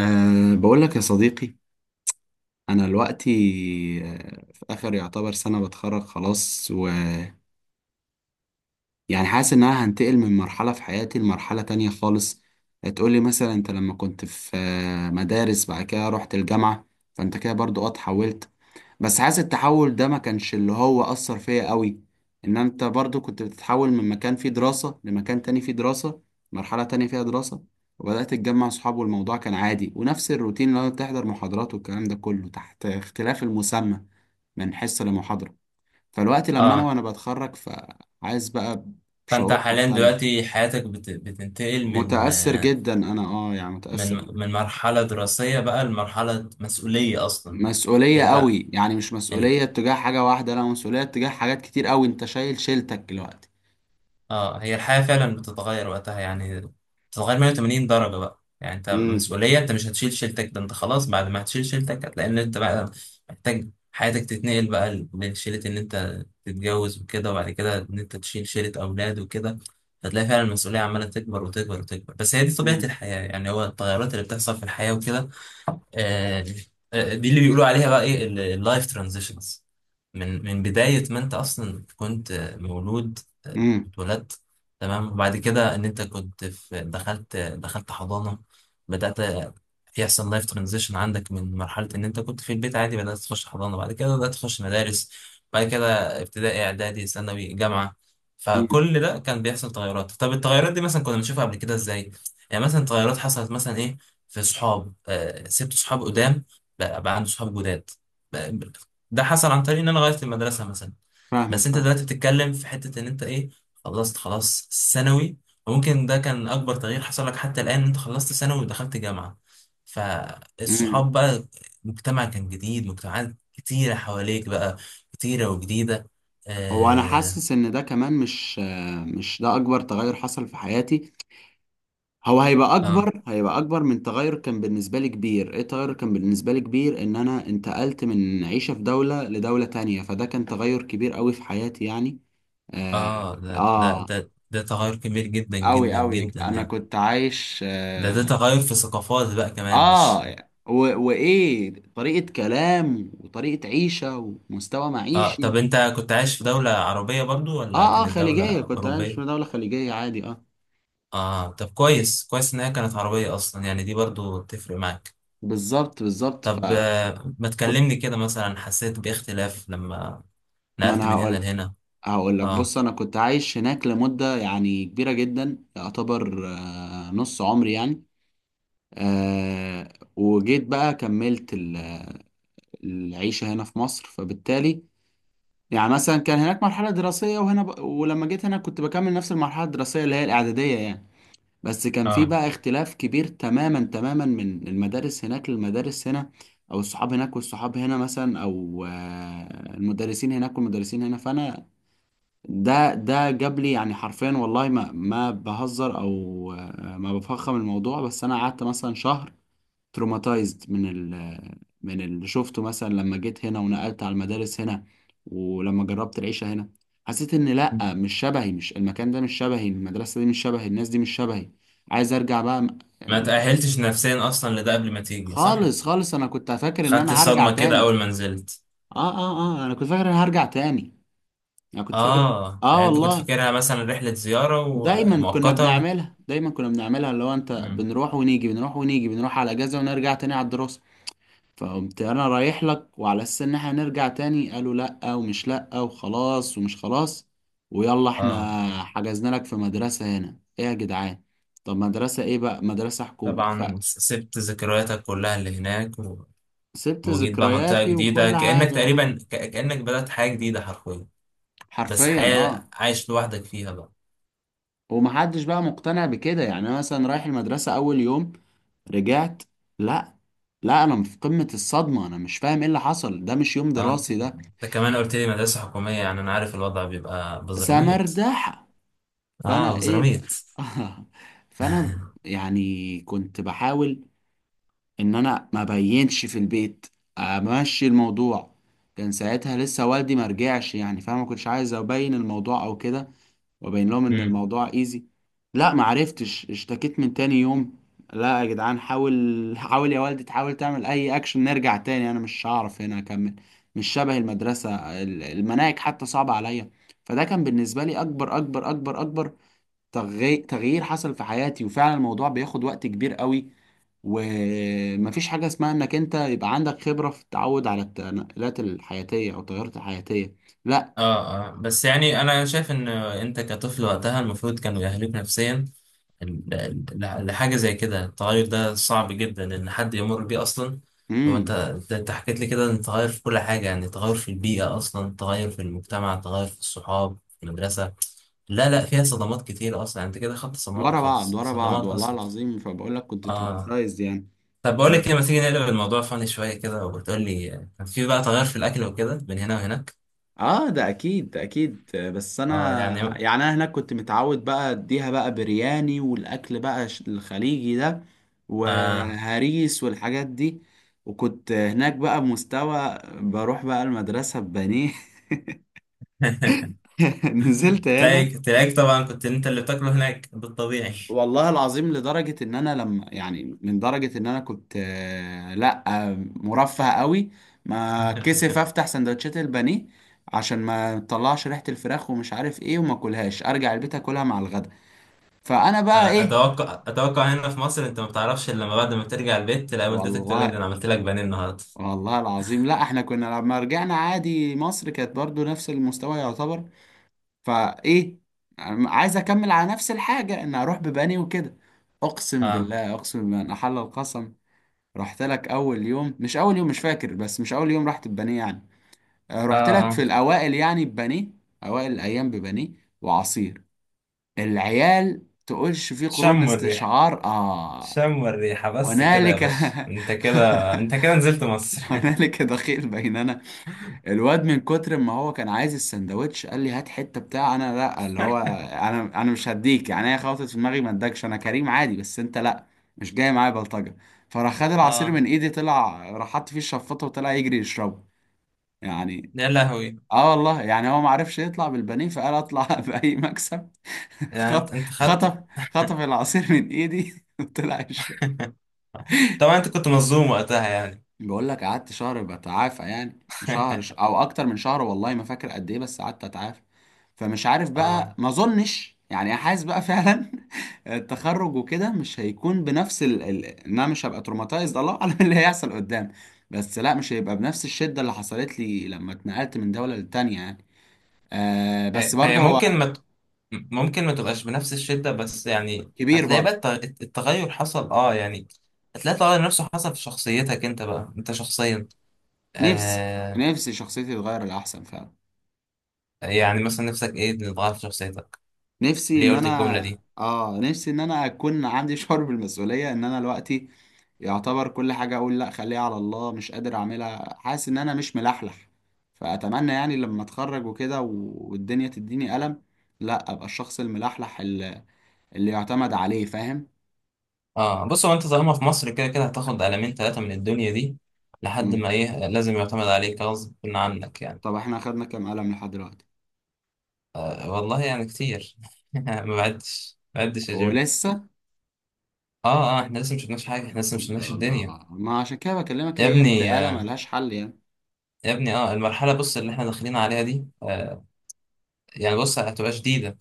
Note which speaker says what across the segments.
Speaker 1: بقول لك يا صديقي، أنا دلوقتي في آخر يعتبر سنة بتخرج خلاص ويعني حاسس إن أنا هنتقل من مرحلة في حياتي لمرحلة تانية خالص. هتقولي مثلا أنت لما كنت في مدارس، بعد كده رحت الجامعة، فأنت كده برضو اتحولت، بس حاسس التحول ده ما كانش اللي هو أثر فيا قوي. إن أنت برضو كنت بتتحول من مكان فيه دراسة لمكان تاني فيه دراسة، مرحلة تانية فيها دراسة، وبدأت تتجمع صحاب والموضوع كان عادي ونفس الروتين اللي هو بتحضر محاضرات والكلام ده كله تحت اختلاف المسمى، من حصة لمحاضرة. فالوقت لما أنا
Speaker 2: اه
Speaker 1: وأنا بتخرج فعايز بقى
Speaker 2: فانت
Speaker 1: بشعور
Speaker 2: حاليا
Speaker 1: مختلف.
Speaker 2: دلوقتي حياتك بتنتقل من
Speaker 1: متأثر
Speaker 2: آه،
Speaker 1: جدا أنا، يعني
Speaker 2: من
Speaker 1: متأثر.
Speaker 2: من مرحلة دراسية بقى لمرحلة مسؤولية اصلا بقى.
Speaker 1: مسؤولية
Speaker 2: تبدأ.
Speaker 1: قوي، يعني مش مسؤولية تجاه حاجة واحدة، لا مسؤولية تجاه حاجات كتير قوي، أنت شايل شيلتك دلوقتي.
Speaker 2: اه، هي الحياة فعلا بتتغير وقتها يعني بتتغير 180 درجة بقى. يعني انت
Speaker 1: امم.
Speaker 2: مسؤولية، انت مش هتشيل شيلتك، ده انت خلاص بعد ما هتشيل شيلتك هتلاقي ان انت بقى محتاج حياتك تتنقل بقى لشيلة ان انت تتجوز وكده، وبعد كده ان انت تشيل شيلة اولاد وكده. هتلاقي فعلا المسؤولية عمالة تكبر وتكبر وتكبر، بس هي دي طبيعة
Speaker 1: امم.
Speaker 2: الحياة يعني، هو التغيرات اللي بتحصل في الحياة وكده. آه دي اللي بيقولوا عليها بقى ايه، اللايف ترانزيشنز. من بداية ما انت اصلا كنت مولود،
Speaker 1: امم.
Speaker 2: اتولدت، تمام. وبعد كده ان انت كنت في، دخلت حضانة، بدأت يحصل لايف ترانزيشن عندك. من مرحلة ان انت كنت في البيت عادي، بدأت تخش حضانة، بعد كده بدأت تخش مدارس، بعد كده ابتدائي، اعدادي، ثانوي، جامعة. فكل ده كان بيحصل تغيرات. طب التغيرات دي مثلا كنا بنشوفها قبل كده ازاي؟ يعني مثلا تغيرات حصلت مثلا ايه؟ في صحاب، سبت صحاب قدام، بقى عندي صحاب جداد. ده حصل عن طريق ان انا غيرت المدرسه مثلا.
Speaker 1: فاهمك،
Speaker 2: بس انت
Speaker 1: فاهم.
Speaker 2: دلوقتي بتتكلم في حته ان انت ايه، خلصت خلاص ثانوي، وممكن ده كان اكبر تغيير حصل لك حتى الان. انت خلصت ثانوي ودخلت جامعه،
Speaker 1: امم.
Speaker 2: فالصحاب بقى مجتمع كان جديد، مجتمعات كتيره حواليك بقى، كتيره وجديده.
Speaker 1: هو انا
Speaker 2: اه.
Speaker 1: حاسس ان ده كمان مش، مش ده اكبر تغير حصل في حياتي. هو هيبقى
Speaker 2: اه،
Speaker 1: اكبر، هيبقى اكبر من تغير كان بالنسبه لي كبير. ايه تغير كان بالنسبه لي كبير؟ ان انا انتقلت من عيشه في دوله لدوله تانية، فده كان تغير كبير قوي في حياتي يعني. اه.
Speaker 2: آه ده، ده
Speaker 1: آه.
Speaker 2: ده ده تغير كبير جدا
Speaker 1: قوي
Speaker 2: جدا
Speaker 1: قوي،
Speaker 2: جدا
Speaker 1: انا
Speaker 2: يعني.
Speaker 1: كنت عايش،
Speaker 2: ده
Speaker 1: اه.
Speaker 2: تغير في ثقافات بقى كمان، مش؟
Speaker 1: آه. و... وايه، طريقه كلام وطريقه عيشه ومستوى
Speaker 2: اه
Speaker 1: معيشي.
Speaker 2: طب انت كنت عايش في دولة عربية برضو ولا
Speaker 1: اه اه،
Speaker 2: كانت دولة
Speaker 1: خليجية، كنت عايش في
Speaker 2: أوروبية؟
Speaker 1: دولة خليجية عادي، اه.
Speaker 2: اه طب كويس، كويس ان هي كانت عربية اصلا يعني، دي برضو تفرق معاك.
Speaker 1: بالظبط بالظبط،
Speaker 2: طب ما تكلمني كده، مثلا حسيت باختلاف لما
Speaker 1: ما
Speaker 2: نقلت
Speaker 1: انا
Speaker 2: من هنا
Speaker 1: هقول
Speaker 2: لهنا؟
Speaker 1: هقول لك.
Speaker 2: اه.
Speaker 1: بص انا كنت عايش هناك لمدة يعني كبيرة جدا، يعتبر نص عمري يعني. وجيت بقى كملت العيشة هنا في مصر، فبالتالي يعني مثلا كان هناك مرحلة دراسية، وهنا ولما جيت هنا كنت بكمل نفس المرحلة الدراسية اللي هي الإعدادية يعني. بس كان في
Speaker 2: اه.
Speaker 1: بقى اختلاف كبير تماما تماما، من المدارس هناك للمدارس هنا، او الصحاب هناك والصحاب هنا مثلا، او المدرسين هناك والمدرسين هنا. فانا، ده جاب لي يعني حرفيا، والله ما بهزر، او ما بفخم الموضوع، بس انا قعدت مثلا شهر تروماتايزد من من اللي شفته مثلا لما جيت هنا ونقلت على المدارس هنا. ولما جربت العيشة هنا، حسيت ان لا،
Speaker 2: مم.
Speaker 1: مش شبهي، مش المكان ده مش شبهي، المدرسة دي مش شبهي، الناس دي مش شبهي. عايز ارجع بقى
Speaker 2: ما
Speaker 1: المكان.
Speaker 2: تأهلتش نفسيا اصلا لده قبل ما تيجي، صح؟
Speaker 1: خالص خالص، انا كنت فاكر ان
Speaker 2: خدت
Speaker 1: انا هرجع
Speaker 2: الصدمة كده
Speaker 1: تاني.
Speaker 2: اول ما نزلت.
Speaker 1: اه. اه اه، انا كنت فاكر ان أنا هرجع تاني، انا كنت فاكر.
Speaker 2: اه،
Speaker 1: اه
Speaker 2: يعني انت كنت
Speaker 1: والله،
Speaker 2: فاكرها مثلا رحلة زيارة
Speaker 1: دايما كنا
Speaker 2: ومؤقتة
Speaker 1: بنعملها، دايما كنا بنعملها، اللي هو انت
Speaker 2: مم.
Speaker 1: بنروح ونيجي، بنروح ونيجي، بنروح على اجازة ونرجع تاني على الدراسة. فقمت انا رايح لك وعلى اساس ان احنا نرجع تاني، قالوا لا، ومش لا وخلاص ومش خلاص، ويلا
Speaker 2: اه
Speaker 1: احنا حجزنا لك في مدرسة هنا، ايه يا جدعان؟ طب مدرسة ايه بقى؟ مدرسة حكومي.
Speaker 2: طبعا، سبت ذكرياتك كلها اللي هناك
Speaker 1: فسبت
Speaker 2: وجيت بقى منطقة
Speaker 1: ذكرياتي
Speaker 2: جديدة،
Speaker 1: وكل
Speaker 2: كأنك
Speaker 1: حاجة،
Speaker 2: تقريبا كأنك بدأت حياة جديدة حرفيا، بس
Speaker 1: حرفيا،
Speaker 2: حياة
Speaker 1: اه.
Speaker 2: عايش لوحدك فيها بقى.
Speaker 1: ومحدش بقى مقتنع بكده، يعني انا مثلا رايح المدرسة اول يوم، رجعت. لا، لا، انا في قمة الصدمة، انا مش فاهم ايه اللي حصل، ده مش يوم
Speaker 2: اه انت،
Speaker 1: دراسي ده.
Speaker 2: انت كمان قلت لي مدرسة حكومية، يعني انا عارف الوضع بيبقى بزراميط.
Speaker 1: سمردحة.
Speaker 2: اه
Speaker 1: فانا ايه
Speaker 2: بزراميط.
Speaker 1: بقى؟ فانا يعني كنت بحاول ان انا ما بينش في البيت، امشي الموضوع. كان ساعتها لسه والدي ما رجعش، يعني فانا ما كنتش عايز ابين الموضوع او كده، وابين لهم ان
Speaker 2: مم.
Speaker 1: الموضوع ايزي. لا، ما عرفتش، اشتكيت من تاني يوم. لا يا جدعان حاول، حاول يا والدي، تحاول تعمل اي اكشن، نرجع تاني، انا مش هعرف هنا اكمل، مش شبه المدرسة، المناهج حتى صعبة عليا. فده كان بالنسبة لي اكبر اكبر اكبر اكبر تغيير حصل في حياتي، وفعلا الموضوع بياخد وقت كبير قوي، ومفيش حاجة اسمها انك انت يبقى عندك خبرة في التعود على التنقلات الحياتية او التغيرات الحياتية. لا.
Speaker 2: اه اه، بس يعني انا شايف ان انت كطفل وقتها المفروض كانوا يأهلوك نفسيا لحاجة زي كده. التغير ده صعب جدا إن حد يمر بيه أصلا. هو أنت
Speaker 1: امم.
Speaker 2: أنت أنت حكيت لي كده إن تغير في كل حاجة، يعني تغير في البيئة أصلا، تغير في المجتمع، تغير في الصحاب، في المدرسة. لا لا، فيها صدمات كتير أصلا يعني، أنت كده خدت صدمات
Speaker 1: ورا بعض،
Speaker 2: خلاص،
Speaker 1: ورا بعض،
Speaker 2: صدمات
Speaker 1: والله
Speaker 2: أصلا.
Speaker 1: العظيم، فبقول لك كنت
Speaker 2: آه
Speaker 1: تروماتايزد يعني.
Speaker 2: طب بقول لك إيه، ما تيجي نقلب الموضوع فاني شوية كده، وبتقول لي، كان في بقى تغير في الأكل وكده بين هنا وهناك؟
Speaker 1: اه، ده اكيد، ده اكيد، بس
Speaker 2: آه يعني.
Speaker 1: انا يعني انا هناك كنت متعود بقى اديها بقى برياني، والاكل بقى الخليجي ده،
Speaker 2: آه.
Speaker 1: وهريس والحاجات دي، وكنت هناك بقى بمستوى، بروح بقى المدرسة ببانيه. نزلت هنا،
Speaker 2: تلاقيك، تلاقيك طبعا كنت أنت اللي بتاكله هناك بالطبيعي.
Speaker 1: والله العظيم لدرجة ان انا لما يعني، من درجة ان انا كنت لا، مرفه قوي، ما كسف افتح سندوتشات البانيه عشان ما تطلعش ريحة الفراخ ومش عارف ايه، وما اكلهاش، ارجع البيت اكلها مع الغدا. فانا بقى ايه،
Speaker 2: اتوقع، اتوقع هنا في مصر انت ما بتعرفش الا لما بعد ما ترجع البيت تلاقي والدتك تقول لك ده
Speaker 1: والله.
Speaker 2: انا عملت لك بانيه النهارده.
Speaker 1: والله العظيم، لا احنا كنا لما رجعنا عادي مصر كانت برضو نفس المستوى يعتبر، فايه، عايز اكمل على نفس الحاجة، ان اروح ببانيه وكده. اقسم
Speaker 2: اه.
Speaker 1: بالله، اقسم بالله ان احل القسم. رحت لك اول يوم، مش اول يوم مش فاكر، بس مش اول يوم رحت ببانيه يعني،
Speaker 2: اه.
Speaker 1: رحت لك في
Speaker 2: اه
Speaker 1: الاوائل يعني ببانيه، اوائل الايام ببانيه وعصير. العيال تقولش في قرون
Speaker 2: شم الريحه،
Speaker 1: استشعار، اه.
Speaker 2: شم الريحه بس. كده يا
Speaker 1: هنالك.
Speaker 2: باشا، انت كده، انت كده نزلت مصر.
Speaker 1: هنالك دخيل بيننا. الواد من كتر ما هو كان عايز السندوتش، قال لي هات حته بتاع انا، لا اللي هو انا، انا مش هديك يعني، هي خبطت في دماغي ما ادكش انا كريم عادي، بس انت لا، مش جاي معايا بلطجه. فراح خد العصير
Speaker 2: اه
Speaker 1: من ايدي، طلع راح حط فيه الشفاطه وطلع يجري يشربه يعني.
Speaker 2: يا لهوي.
Speaker 1: اه والله يعني، هو ما عرفش يطلع بالبانيه، فقال اطلع، باي مكسب.
Speaker 2: يعني انت،
Speaker 1: خط
Speaker 2: انت خدت.
Speaker 1: خطف خطف العصير من ايدي، وطلع يشربه.
Speaker 2: طبعا انت كنت مظلوم وقتها يعني.
Speaker 1: بقول لك قعدت شهر بتعافى، يعني شهر، او اكتر من شهر، والله ما فاكر قد ايه، بس قعدت اتعافى. فمش عارف
Speaker 2: اه.
Speaker 1: بقى، ما اظنش يعني، حاسس بقى فعلا التخرج وكده مش هيكون بنفس ان انا مش هبقى تروماتايزد. الله اعلم إيه اللي هيحصل قدام، بس لا، مش هيبقى بنفس الشدة اللي حصلت لي لما اتنقلت من دولة للتانية يعني. بس
Speaker 2: هي هي
Speaker 1: برضه
Speaker 2: ممكن
Speaker 1: هو
Speaker 2: ما ت- ممكن ما تبقاش بنفس الشدة، بس يعني
Speaker 1: كبير
Speaker 2: هتلاقي بقى
Speaker 1: برضه.
Speaker 2: التغير حصل، اه يعني. هتلاقي التغير نفسه حصل في شخصيتك انت بقى، انت شخصيا.
Speaker 1: نفسي،
Speaker 2: آه.
Speaker 1: نفسي شخصيتي تتغير للأحسن فعلا.
Speaker 2: يعني مثلا نفسك ايه اللي اتغير في شخصيتك؟
Speaker 1: نفسي
Speaker 2: ليه
Speaker 1: ان
Speaker 2: قلت الجملة
Speaker 1: انا،
Speaker 2: دي؟
Speaker 1: اه نفسي ان انا اكون عندي شعور بالمسؤولية، ان انا دلوقتي يعتبر كل حاجة أقول لأ خليها على الله، مش قادر أعملها، حاسس إن أنا مش ملحلح. فأتمنى يعني لما أتخرج وكده والدنيا تديني قلم، لأ أبقى الشخص الملحلح، اللي يعتمد عليه، فاهم؟
Speaker 2: اه بص، هو انت طالما في مصر، كده كده هتاخد قلمين ثلاثة من الدنيا دي لحد
Speaker 1: مم.
Speaker 2: ما ايه، لازم يعتمد عليك غصب عنك يعني.
Speaker 1: طب إحنا أخدنا كام قلم لحد دلوقتي؟
Speaker 2: والله يعني كتير. ما بعدش، ما بعدش يا جيم.
Speaker 1: ولسه؟
Speaker 2: اه. اه احنا لسه مش شفناش حاجة، احنا لسه مش
Speaker 1: يا
Speaker 2: شفناش الدنيا.
Speaker 1: الله، ما عشان كده بكلمك،
Speaker 2: يا
Speaker 1: هي
Speaker 2: ابني
Speaker 1: انتقالة
Speaker 2: آه،
Speaker 1: ملهاش حل يعني.
Speaker 2: يا ابني اه، المرحلة بص اللي احنا داخلين عليها دي آه، يعني بص هتبقى شديدة.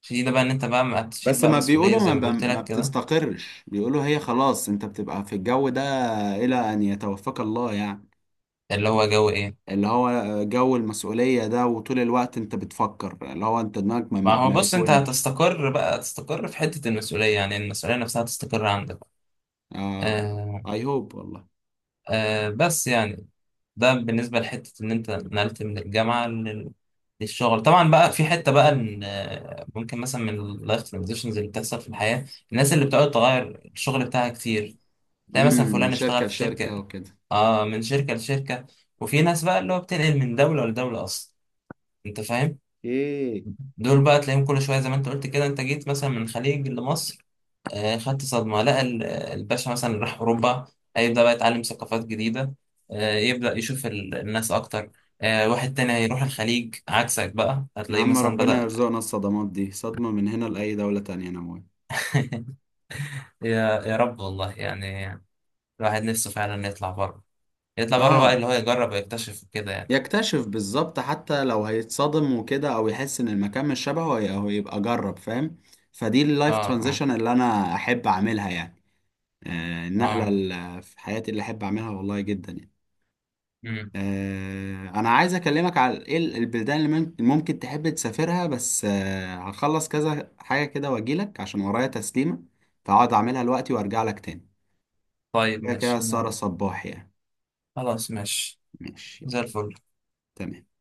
Speaker 2: شديدة بقى ان انت بقى هتشيل
Speaker 1: بس
Speaker 2: بقى
Speaker 1: ما
Speaker 2: مسؤولية
Speaker 1: بيقولوا،
Speaker 2: زي ما قلت
Speaker 1: ما
Speaker 2: لك كده.
Speaker 1: بتستقرش، بيقولوا هي خلاص أنت بتبقى في الجو ده إلى أن يتوفاك الله يعني.
Speaker 2: اللي هو جو ايه؟
Speaker 1: اللي هو جو المسؤولية ده، وطول الوقت انت بتفكر، اللي هو انت دماغك ما,
Speaker 2: ما
Speaker 1: ما
Speaker 2: هو
Speaker 1: ما
Speaker 2: بص، انت
Speaker 1: بتونش.
Speaker 2: هتستقر بقى، تستقر في حتة المسؤولية، يعني المسؤولية نفسها تستقر عندك.
Speaker 1: اه.
Speaker 2: آه.
Speaker 1: اي هوب والله.
Speaker 2: آه بس يعني، ده بالنسبة لحتة ان انت نقلت من الجامعة للشغل. طبعا بقى في حتة بقى ان ممكن مثلا من اللايف ترانزيشنز اللي بتحصل في الحياة، الناس اللي بتقعد تغير الشغل بتاعها كتير. تلاقي مثلا
Speaker 1: امم. من
Speaker 2: فلان
Speaker 1: شركة
Speaker 2: اشتغل في شركة.
Speaker 1: لشركة وكده.
Speaker 2: اه، من شركة لشركة. وفي ناس بقى اللي هو بتنقل من دولة لدولة اصلا، انت فاهم؟
Speaker 1: ايه.
Speaker 2: دول بقى تلاقيهم كل شوية. زي ما انت قلت كده، انت جيت مثلا من الخليج لمصر، خدت صدمة. لقى الباشا مثلا اللي راح أوروبا هيبدأ بقى يتعلم ثقافات جديدة، يبدأ يشوف الناس أكتر. واحد تاني هيروح الخليج عكسك بقى،
Speaker 1: يا
Speaker 2: هتلاقيه
Speaker 1: عم
Speaker 2: مثلا
Speaker 1: ربنا
Speaker 2: بدأ.
Speaker 1: يرزقنا الصدمات دي، صدمة من هنا لأي دولة تانية انا موافق.
Speaker 2: يا رب، والله يعني. الواحد نفسه فعلا يطلع بره، يطلع بره بقى،
Speaker 1: اه.
Speaker 2: اللي هو يجرب ويكتشف كده يعني.
Speaker 1: يكتشف بالظبط، حتى لو هيتصدم وكده او يحس ان المكان مش شبهه، هو يبقى جرب، فاهم؟ فدي
Speaker 2: اه.
Speaker 1: اللايف
Speaker 2: اه.
Speaker 1: ترانزيشن اللي انا احب اعملها يعني. آه، النقلة
Speaker 2: اه.
Speaker 1: اللي في حياتي اللي احب اعملها، والله جدا يعني.
Speaker 2: مم.
Speaker 1: انا عايز اكلمك على ايه، البلدان اللي ممكن تحب تسافرها، بس هخلص كذا حاجه كده واجيلك عشان ورايا تسليمه، فاقعد اعملها دلوقتي وارجع لك تاني.
Speaker 2: طيب
Speaker 1: كده كده
Speaker 2: ماشي
Speaker 1: السهره صباح يعني.
Speaker 2: خلاص ماشي،
Speaker 1: ماشي.
Speaker 2: زي الفل.
Speaker 1: تمام.